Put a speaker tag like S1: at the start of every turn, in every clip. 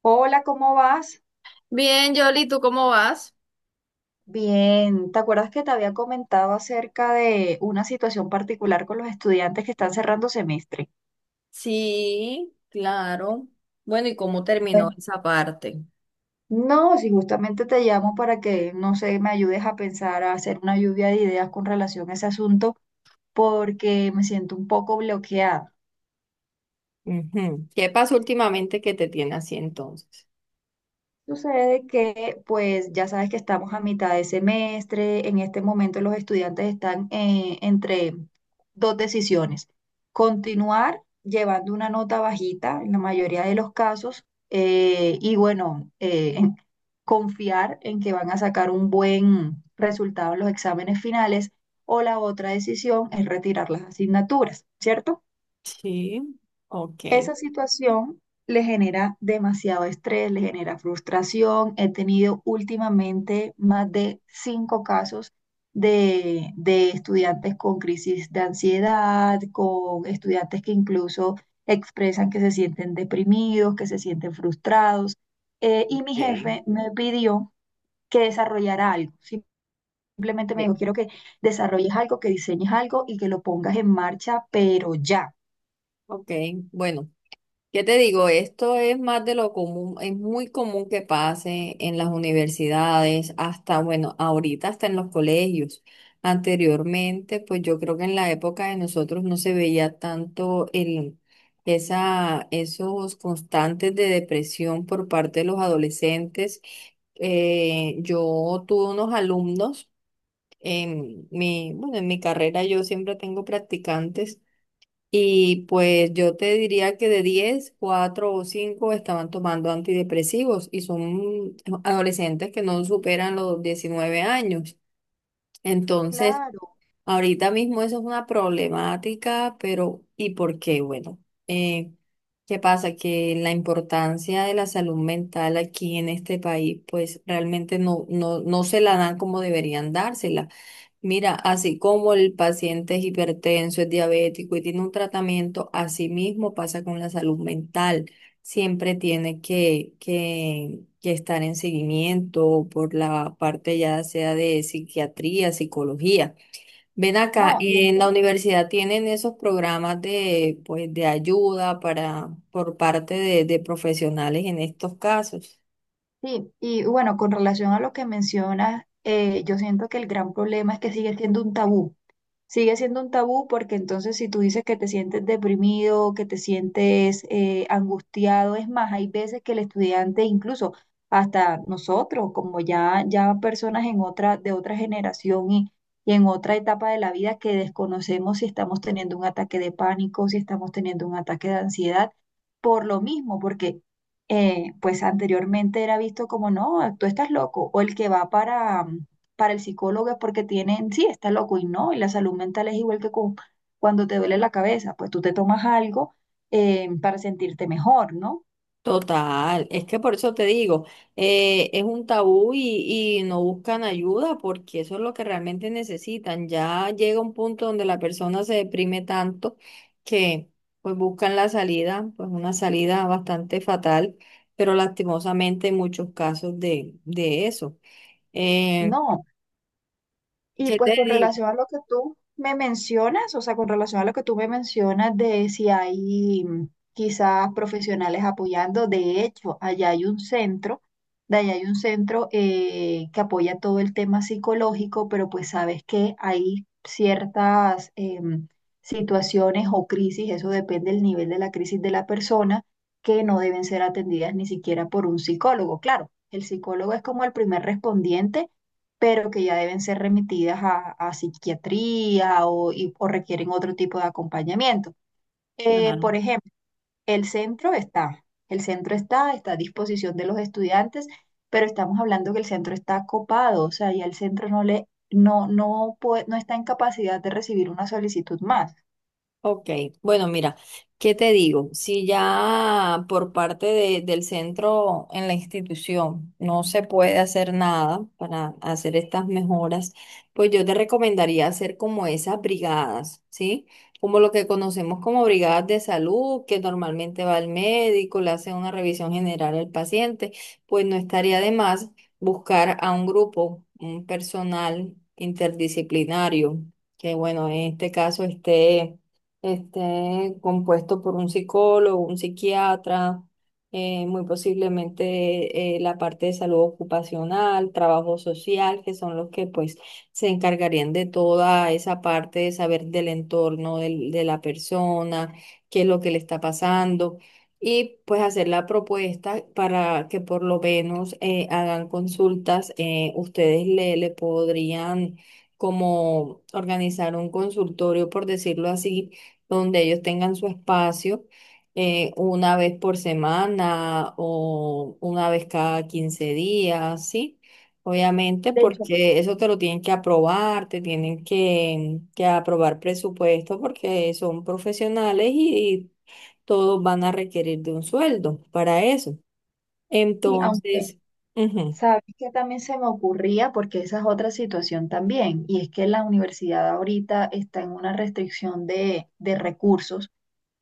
S1: Hola, ¿cómo vas?
S2: Bien, Yoli, ¿tú cómo vas?
S1: Bien, ¿te acuerdas que te había comentado acerca de una situación particular con los estudiantes que están cerrando semestre?
S2: Sí, claro. Bueno, ¿y cómo
S1: Pues,
S2: terminó esa parte?
S1: no, si justamente te llamo para que, no sé, me ayudes a pensar, a hacer una lluvia de ideas con relación a ese asunto, porque me siento un poco bloqueada.
S2: Ujú. ¿Qué pasó últimamente que te tiene así entonces?
S1: Sucede que, pues, ya sabes que estamos a mitad de semestre. En este momento los estudiantes están entre dos decisiones. Continuar llevando una nota bajita en la mayoría de los casos, y, bueno, confiar en que van a sacar un buen resultado en los exámenes finales. O la otra decisión es retirar las asignaturas, ¿cierto?
S2: Sí, ok.
S1: Esa situación le genera demasiado estrés, le genera frustración. He tenido últimamente más de cinco casos de estudiantes con crisis de ansiedad, con estudiantes que incluso expresan que se sienten deprimidos, que se sienten frustrados. Y mi
S2: Ok,
S1: jefe me pidió que desarrollara algo. Simplemente me
S2: sí,
S1: dijo, quiero que desarrolles algo, que diseñes algo y que lo pongas en marcha, pero ya.
S2: ok, bueno. ¿Qué te digo? Esto es más de lo común, es muy común que pase en las universidades, hasta, bueno, ahorita hasta en los colegios. Anteriormente, pues yo creo que en la época de nosotros no se veía tanto esos constantes de depresión por parte de los adolescentes. Yo tuve unos alumnos en mi, bueno, en mi carrera yo siempre tengo practicantes. Y pues yo te diría que de 10 4 o 5 estaban tomando antidepresivos y son adolescentes que no superan los 19 años. Entonces,
S1: Claro,
S2: ahorita mismo eso es una problemática, pero ¿y por qué? Bueno, eh, ¿qué pasa? Que la importancia de la salud mental aquí en este país, pues realmente no se la dan como deberían dársela. Mira, así como el paciente es hipertenso, es diabético y tiene un tratamiento, así mismo pasa con la salud mental. Siempre tiene que estar en seguimiento por la parte ya sea de psiquiatría, psicología. Ven acá,
S1: no, y es
S2: en la universidad tienen esos programas de, pues, de ayuda para, por parte de profesionales en estos casos.
S1: sí, y bueno, con relación a lo que mencionas, yo siento que el gran problema es que sigue siendo un tabú. Sigue siendo un tabú porque entonces si tú dices que te sientes deprimido, que te sientes angustiado, es más, hay veces que el estudiante, incluso hasta nosotros, como ya personas en otra, de otra generación y en otra etapa de la vida que desconocemos si estamos teniendo un ataque de pánico, si estamos teniendo un ataque de ansiedad, por lo mismo, porque pues anteriormente era visto como, no, tú estás loco, o el que va para el psicólogo es porque tienen, sí, está loco y no, y la salud mental es igual que cuando te duele la cabeza, pues tú te tomas algo, para sentirte mejor, ¿no?
S2: Total, es que por eso te digo, es un tabú y no buscan ayuda porque eso es lo que realmente necesitan. Ya llega un punto donde la persona se deprime tanto que pues buscan la salida, pues una salida bastante fatal, pero lastimosamente hay muchos casos de eso. Eh,
S1: No, y
S2: ¿Qué
S1: pues
S2: te
S1: con
S2: digo?
S1: relación a lo que tú me mencionas, o sea, con relación a lo que tú me mencionas de si hay quizás profesionales apoyando. De hecho, allá hay un centro, que apoya todo el tema psicológico, pero pues sabes que hay ciertas situaciones o crisis, eso depende del nivel de la crisis de la persona, que no deben ser atendidas ni siquiera por un psicólogo. Claro, el psicólogo es como el primer respondiente, pero que ya deben ser remitidas a, psiquiatría o, o requieren otro tipo de acompañamiento. Por ejemplo, el centro está, está a disposición de los estudiantes, pero estamos hablando que el centro está copado, o sea, ya el centro no puede, no está en capacidad de recibir una solicitud más.
S2: Ok, bueno, mira, ¿qué te digo? Si ya por parte de- del centro en la institución no se puede hacer nada para hacer estas mejoras, pues yo te recomendaría hacer como esas brigadas, ¿sí? Como lo que conocemos como brigadas de salud, que normalmente va el médico, le hace una revisión general al paciente, pues no estaría de más buscar a un grupo, un personal interdisciplinario, que bueno, en este caso esté compuesto por un psicólogo, un psiquiatra, muy posiblemente la parte de salud ocupacional, trabajo social, que son los que pues se encargarían de toda esa parte de saber del entorno del- de la persona, qué es lo que le está pasando. Y pues hacer la propuesta para que por lo menos hagan consultas. Ustedes le, le podrían como organizar un consultorio, por decirlo así, donde ellos tengan su espacio una vez por semana o una vez cada 15 días, ¿sí? Obviamente,
S1: De hecho,
S2: porque eso te lo tienen que aprobar, te tienen que aprobar presupuesto porque son profesionales y todos van a requerir de un sueldo para eso.
S1: sí, aunque
S2: Entonces, ujú.
S1: sabes que también se me ocurría, porque esa es otra situación también, y es que la universidad ahorita está en una restricción de recursos,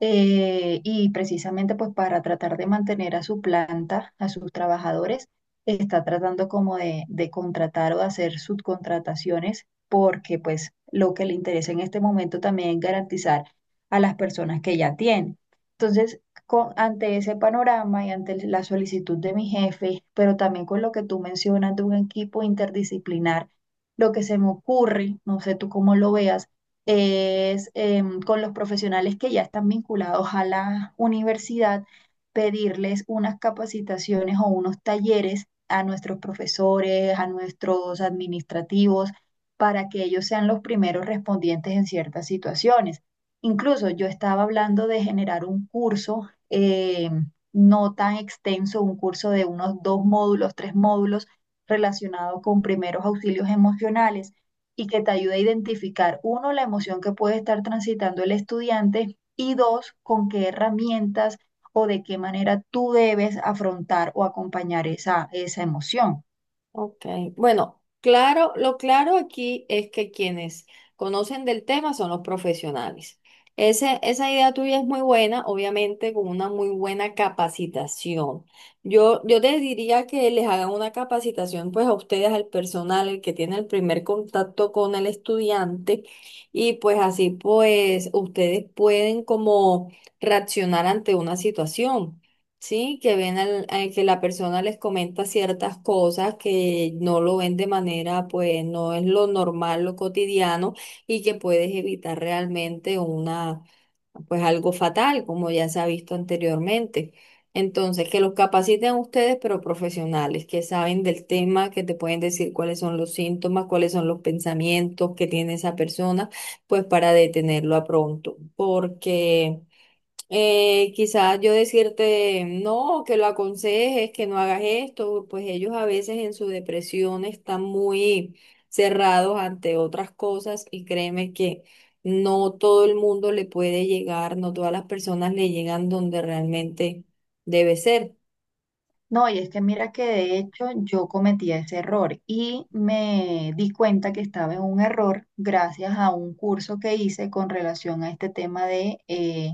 S1: y precisamente pues para tratar de mantener a su planta, a sus trabajadores, está tratando como de, contratar o de hacer subcontrataciones porque pues lo que le interesa en este momento también es garantizar a las personas que ya tiene. Entonces, ante ese panorama y ante la solicitud de mi jefe, pero también con lo que tú mencionas de un equipo interdisciplinar, lo que se me ocurre, no sé tú cómo lo veas, es, con los profesionales que ya están vinculados a la universidad, pedirles unas capacitaciones o unos talleres a nuestros profesores, a nuestros administrativos, para que ellos sean los primeros respondientes en ciertas situaciones. Incluso yo estaba hablando de generar un curso, no tan extenso, un curso de unos dos módulos, tres módulos relacionado con primeros auxilios emocionales y que te ayude a identificar, uno, la emoción que puede estar transitando el estudiante y dos, con qué herramientas o de qué manera tú debes afrontar o acompañar esa emoción.
S2: Ok, bueno, claro, lo claro aquí es que quienes conocen del tema son los profesionales. Esa idea tuya es muy buena, obviamente con una muy buena capacitación. Yo te diría que les hagan una capacitación pues a ustedes, al personal, el que tiene el primer contacto con el estudiante y pues así pues ustedes pueden como reaccionar ante una situación. Sí, que ven al, a que la persona les comenta ciertas cosas que no lo ven de manera, pues no es lo normal, lo cotidiano, y que puedes evitar realmente una, pues algo fatal, como ya se ha visto anteriormente. Entonces, que los capaciten a ustedes, pero profesionales, que saben del tema, que te pueden decir cuáles son los síntomas, cuáles son los pensamientos que tiene esa persona, pues para detenerlo a pronto, porque quizás yo decirte, no, que lo aconsejes, que no hagas esto, pues ellos a veces en su depresión están muy cerrados ante otras cosas y créeme que no todo el mundo le puede llegar, no todas las personas le llegan donde realmente debe ser.
S1: No, y es que mira que de hecho yo cometí ese error y me di cuenta que estaba en un error gracias a un curso que hice con relación a este tema de eh,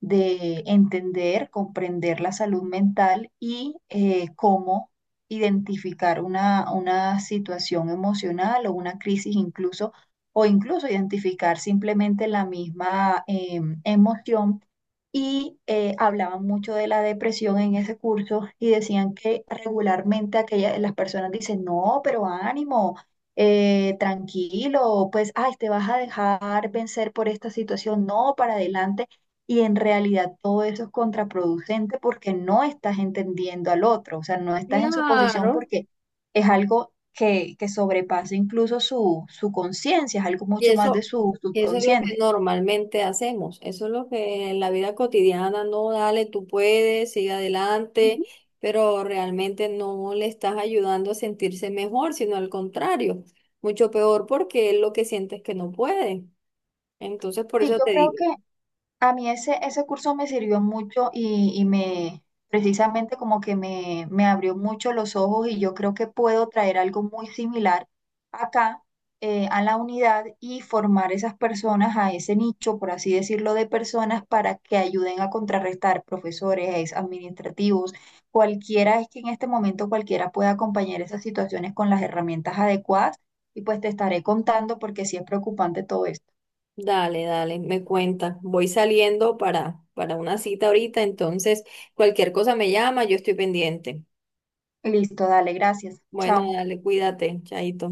S1: de entender, comprender la salud mental y cómo identificar una situación emocional o una crisis incluso, o incluso identificar simplemente la misma emoción. Y hablaban mucho de la depresión en ese curso y decían que regularmente las personas dicen, no, pero ánimo, tranquilo, pues, ay, te vas a dejar vencer por esta situación, no, para adelante. Y en realidad todo eso es contraproducente porque no estás entendiendo al otro, o sea, no estás en su posición
S2: Claro.
S1: porque es algo que sobrepasa incluso su conciencia, es algo
S2: Y
S1: mucho más de
S2: eso,
S1: su
S2: y eso es lo que
S1: subconsciente.
S2: normalmente hacemos, eso es lo que en la vida cotidiana, no, dale, tú puedes, sigue adelante,
S1: Ujú.
S2: pero realmente no le estás ayudando a sentirse mejor, sino al contrario, mucho peor porque él lo que siente es que no puede. Entonces, por
S1: Sí,
S2: eso
S1: yo
S2: te
S1: creo
S2: digo,
S1: que a mí ese curso me sirvió mucho, precisamente como que me abrió mucho los ojos y yo creo que puedo traer algo muy similar acá, a la unidad, y formar esas personas a ese nicho, por así decirlo, de personas para que ayuden a contrarrestar profesores, administrativos, cualquiera, es que en este momento cualquiera pueda acompañar esas situaciones con las herramientas adecuadas y pues te estaré contando porque sí es preocupante todo esto.
S2: dale, dale, me cuenta, voy saliendo para una cita ahorita, entonces cualquier cosa me llama, yo estoy pendiente.
S1: Listo, dale, gracias.
S2: Bueno,
S1: Chao.
S2: dale, cuídate, chaito.